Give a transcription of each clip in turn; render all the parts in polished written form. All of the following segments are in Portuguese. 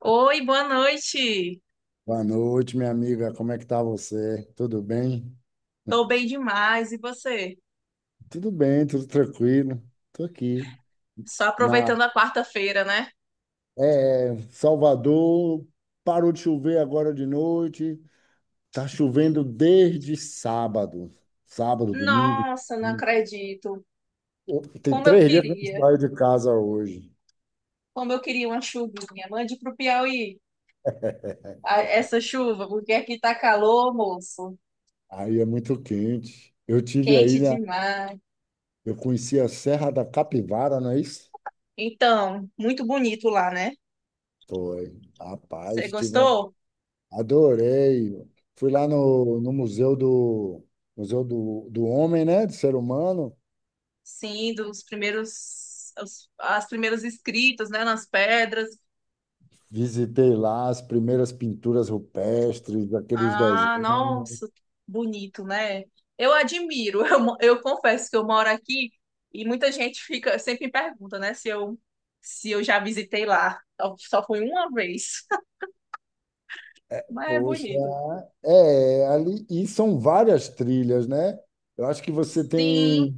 Oi, boa noite. Boa noite, minha amiga. Como é que tá você? Tudo bem? Tô bem demais. E você? Tudo bem, tudo tranquilo. Tô aqui Só na aproveitando a quarta-feira, né? é, Salvador. Parou de chover agora de noite. Tá chovendo desde sábado. Sábado, domingo. Nossa, não acredito. Tem Como eu três dias que eu não queria. saio de casa hoje. Como eu queria uma chuvinha. Mande pro Piauí essa chuva, porque aqui tá calor, moço. Aí é muito quente. Eu tive aí, Quente né? demais. Eu conheci a Serra da Capivara, não é isso? Então, muito bonito lá, né? Foi. Você Rapaz, tive um. gostou? Adorei. Fui lá no Museu do Museu do Homem, né? Do ser humano. Sim, dos primeiros, as primeiras escritas, né, nas pedras. Visitei lá as primeiras pinturas rupestres, aqueles Ah, desenhos. nossa, bonito, né? Eu admiro. Eu confesso que eu moro aqui e muita gente fica sempre me pergunta, né, se eu se eu já visitei lá. Só fui uma vez, mas é Poxa, bonito. é, ali, e são várias trilhas, né? Eu acho que você Sim, tem,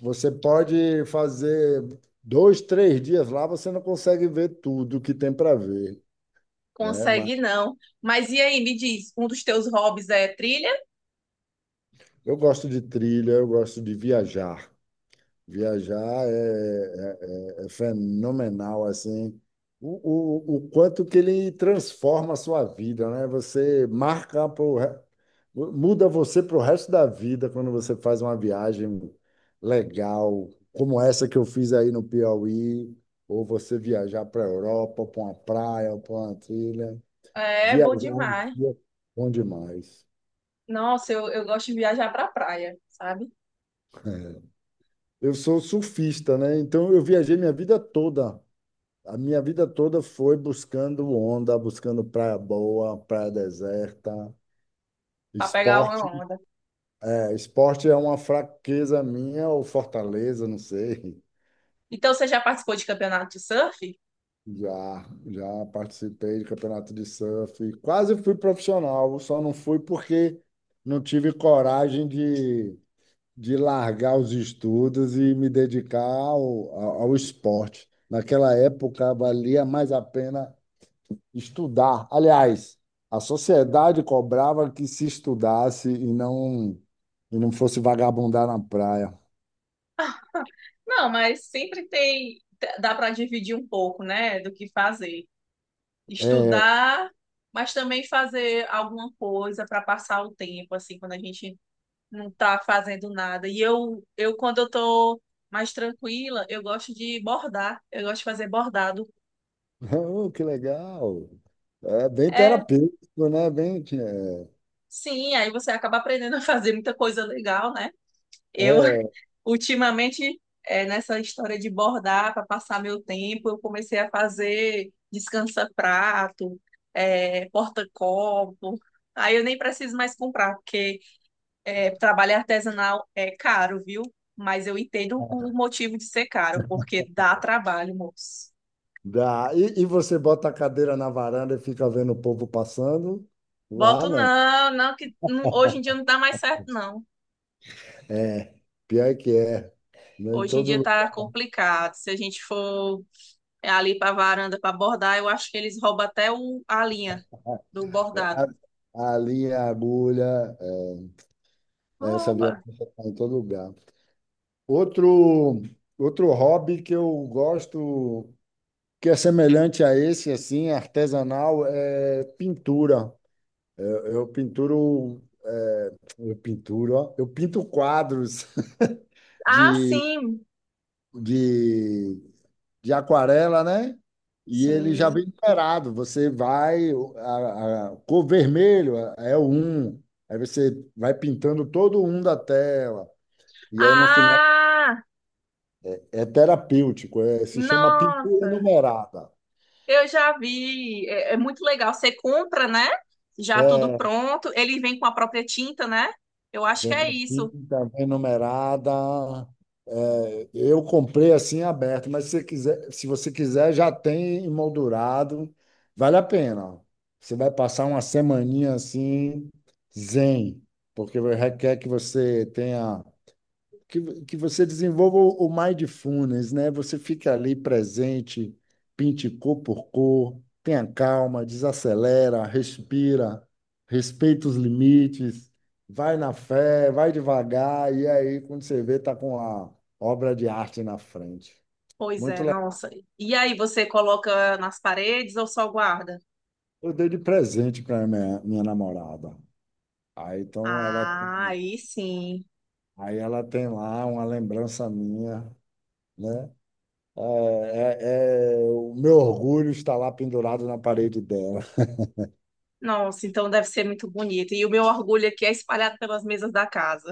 você pode fazer dois, três dias lá, você não consegue ver tudo que tem para ver, né? Mas consegue não. Mas e aí, me diz, um dos teus hobbies é trilha? eu gosto de trilha, eu gosto de viajar. Viajar é, é fenomenal, assim, o quanto que ele transforma a sua vida, né? Você marca, pro, muda você para o resto da vida quando você faz uma viagem legal, como essa que eu fiz aí no Piauí, ou você viajar para a Europa, para uma praia, para uma trilha. É bom Viajar em demais. si é bom demais. Nossa, eu gosto de viajar pra praia, sabe? Eu sou surfista, né? Então eu viajei minha vida toda. A minha vida toda foi buscando onda, buscando praia boa, praia deserta, Pra pegar uma esporte. onda. É, esporte é uma fraqueza minha ou fortaleza, não sei. Então, você já participou de campeonato de surf? Já, já participei de campeonato de surf, quase fui profissional, só não fui porque não tive coragem de largar os estudos e me dedicar ao esporte. Naquela época valia mais a pena estudar. Aliás, a sociedade cobrava que se estudasse e não fosse vagabundar na praia. Não, mas sempre tem. Dá pra dividir um pouco, né? Do que fazer. É, Estudar, mas também fazer alguma coisa pra passar o tempo, assim, quando a gente não tá fazendo nada. E eu quando eu tô mais tranquila, eu gosto de bordar. Eu gosto de fazer bordado. oh, que legal. É bem É, terapêutico, né? Bem, sim, aí você acaba aprendendo a fazer muita coisa legal, né? Eu. é, é, Ultimamente, é, nessa história de bordar para passar meu tempo, eu comecei a fazer descansa-prato, é, porta-copo. Aí eu nem preciso mais comprar, porque é, trabalho artesanal é caro, viu? Mas eu entendo o motivo de ser caro, porque dá trabalho, moço. dá. E você bota a cadeira na varanda e fica vendo o povo passando? Lá Boto não. não, não que não- hoje em dia não dá mais certo, não. É, pior que é. Não em Hoje em todo dia lugar. tá complicado. Se a gente for ali para a varanda para bordar, eu acho que eles roubam até o, a linha do bordado. A linha, a agulha, é, essa Rouba. violência está em todo lugar. Outro, outro hobby que eu gosto, que é semelhante a esse, assim, artesanal, é pintura. Eu pinturo, é, eu pinturo, ó, eu pinto quadros Ah, de, sim. de, de aquarela, né? E ele já Sim. vem numerado. Você vai, a cor vermelho é o um, aí você vai pintando todo um da tela. E aí no final Ah, é terapêutico, se chama pintura nossa. numerada. Eu já vi. É, é muito legal. Você compra, né? Já tudo É, pronto. Ele vem com a própria tinta, né? Eu acho que vem é com isso. tinta, vem numerada. É, eu comprei assim aberto, mas se você quiser, se você quiser, já tem emoldurado. Vale a pena. Você vai passar uma semaninha assim, zen, porque requer que você tenha que você desenvolva o mindfulness, né? Você fica ali presente, pinte cor por cor, tenha calma, desacelera, respira, respeita os limites, vai na fé, vai devagar, e aí, quando você vê, tá com a obra de arte na frente. Pois Muito é, legal. nossa. E aí você coloca nas paredes ou só guarda? Eu dei de presente para minha, minha namorada. Aí, então, ela, Ah, aí sim. aí ela tem lá uma lembrança minha, né? É, o meu orgulho está lá pendurado na parede dela. Nossa, então deve ser muito bonito. E o meu orgulho aqui é espalhado pelas mesas da casa.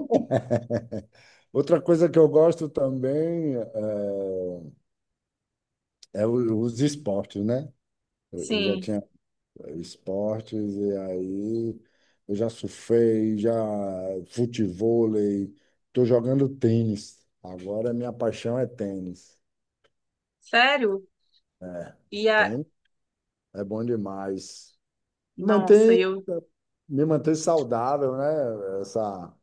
Outra coisa que eu gosto também é, é os esportes, né? Eu já Sim, tinha esportes, e aí eu já surfei, já futevôlei, estou jogando tênis. Agora minha paixão é tênis. sério? É, E a... tênis é bom demais. Nossa, Mantém, eu... me mantém saudável, né? Essa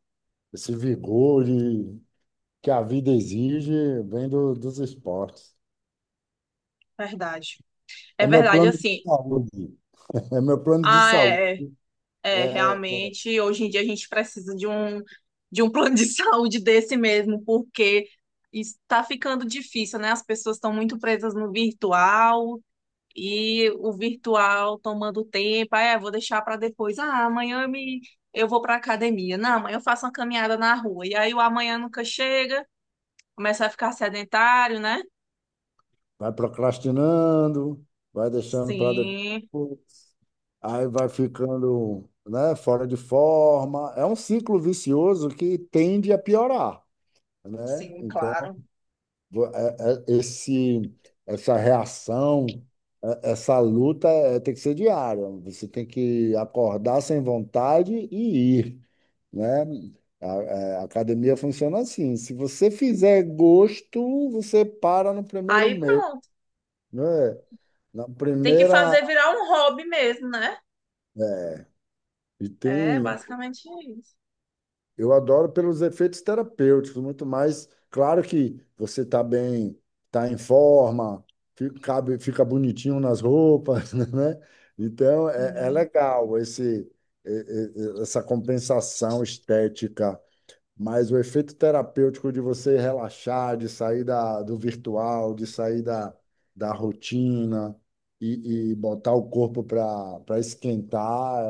Esse vigor e que a vida exige vem dos esportes. Verdade. É É meu verdade, plano de assim. saúde. É meu plano de Ah, saúde. é, é, é, É, realmente, hoje em dia a gente precisa de um plano de saúde desse mesmo, porque está ficando difícil, né? As pessoas estão muito presas no virtual e o virtual tomando tempo. Ah, é, vou deixar para depois. Ah, amanhã eu me... eu vou para academia. Não, amanhã eu faço uma caminhada na rua. E aí o amanhã nunca chega, começa a ficar sedentário, né? vai procrastinando, vai deixando para Sim. depois, aí vai ficando, né, fora de forma. É um ciclo vicioso que tende a piorar, né? Sim, Então, claro. Esse, essa reação, essa luta é, tem que ser diária. Você tem que acordar sem vontade e ir, né? A, é, a academia funciona assim. Se você fizer gosto, você para no primeiro Aí mês, pronto. né? Na Tem que primeira fazer virar um hobby mesmo, né? é, e É tem. basicamente isso. Eu adoro pelos efeitos terapêuticos, muito mais. Claro que você está bem, está em forma, fica, cabe, fica bonitinho nas roupas, né? Então, é, é Sim. legal esse, essa compensação estética, mas o efeito terapêutico de você relaxar, de sair da, do virtual, de sair da, da rotina e botar o corpo para esquentar,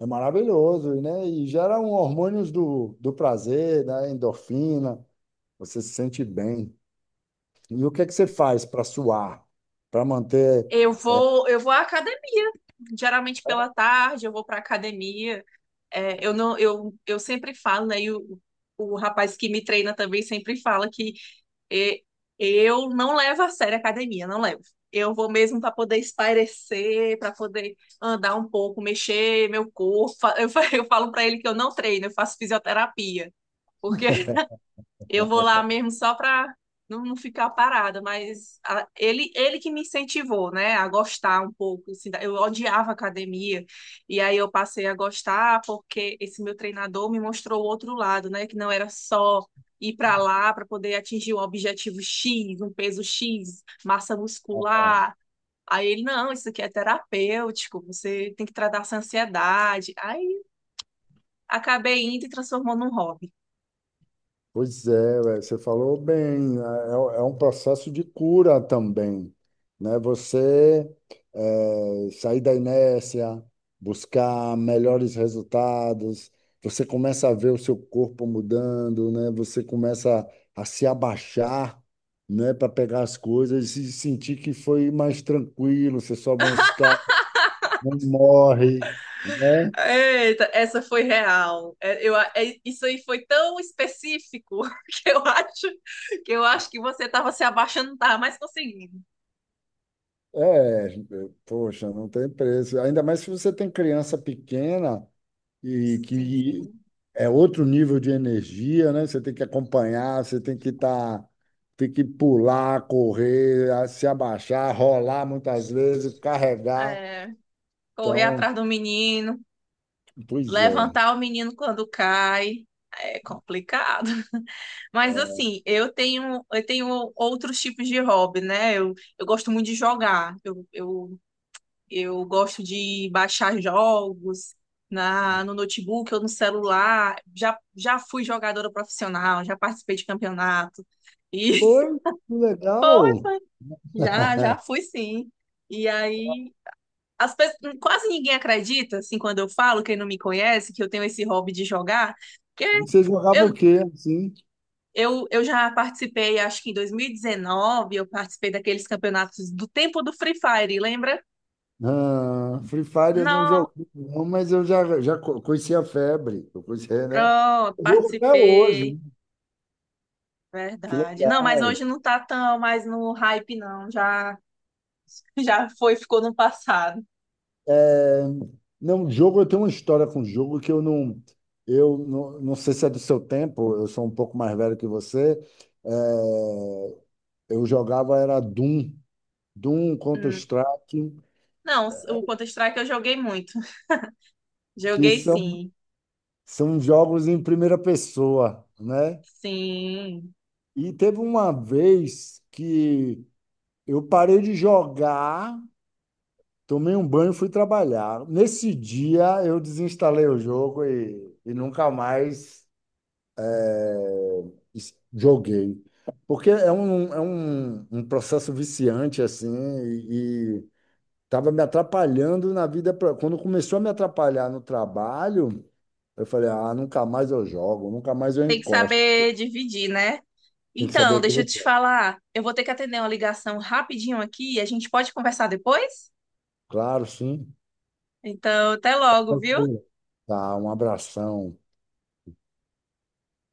é maravilhoso, né? E gera um hormônios do, do prazer, da endorfina, você se sente bem. E o que é que você faz para suar, para manter? Eu vou à academia. Geralmente pela tarde eu vou para academia. É, eu não, eu sempre falo, né? E o rapaz que me treina também sempre fala que é, eu não levo a sério a academia, não levo. Eu vou mesmo para poder espairecer, para poder andar um pouco, mexer meu corpo. Eu falo para ele que eu não treino, eu faço fisioterapia, porque eu vou lá mesmo só para não ficar parada, mas ele que me incentivou, né, a gostar um pouco. Assim, eu odiava academia, e aí eu passei a gostar porque esse meu treinador me mostrou o outro lado, né, que não era só ir para lá para poder atingir um objetivo X, um peso X, massa muscular. Aí ele, não, isso aqui é terapêutico, você tem que tratar essa ansiedade. Aí acabei indo e transformou num hobby. Pois é, ué, você falou bem, né? É, é um processo de cura também, né? Você sair da inércia, buscar melhores resultados, você começa a ver o seu corpo mudando, né? Você começa a se abaixar, né? Para pegar as coisas e sentir que foi mais tranquilo, você sobe uma escada, não morre, né? Eita, essa foi real. É, isso aí foi tão específico que eu acho que eu acho que você estava se abaixando, não estava mais conseguindo. É, poxa, não tem preço. Ainda mais se você tem criança pequena, e que Sim. é outro nível de energia, né? Você tem que acompanhar, você tem que estar, tem que pular, correr, se abaixar, rolar muitas vezes, carregar. É, correr Então, atrás do menino, pois é. levantar o menino quando cai. É complicado. Mas assim, eu tenho outros tipos de hobby, né? Eu gosto muito de jogar. Eu eu gosto de baixar jogos no notebook ou no celular. Já, já fui jogadora profissional, já participei de campeonato. E Foi que foi, legal. foi. Já, já fui sim. E aí, as pessoas, quase ninguém acredita, assim, quando eu falo, quem não me conhece, que eu tenho esse hobby de jogar, porque Você jogava eu, o quê, assim? eu já participei, acho que em 2019, eu participei daqueles campeonatos do tempo do Free Fire, lembra? Ah, Free Fire eu não Não, joguei, não, mas eu já, já conhecia a febre, eu conhecia, né? pronto, Eu jogo até hoje, participei. né? Que Verdade. Não, mas legal. hoje não tá tão mais no hype, não. Já, já foi, ficou no passado. É, não, jogo, eu tenho uma história com jogo que eu não, não sei se é do seu tempo, eu sou um pouco mais velho que você. É, eu jogava era Doom, Doom, Hum. Counter-Strike, Não, o Counter-Strike eu joguei muito. que Joguei são, sim. são jogos em primeira pessoa, né? Sim. E teve uma vez que eu parei de jogar, tomei um banho e fui trabalhar. Nesse dia eu desinstalei o jogo e nunca mais joguei. Porque é um, um processo viciante, assim, e estava me atrapalhando na vida. Quando começou a me atrapalhar no trabalho, eu falei, ah, nunca mais eu jogo, nunca mais eu Tem que encosto. saber dividir, né? Tem que saber Então, deixa eu aquele. te falar. Eu vou ter que atender uma ligação rapidinho aqui e a gente pode conversar depois? Claro, sim. Então, até logo, viu? Tranquilo. Tá, um abração.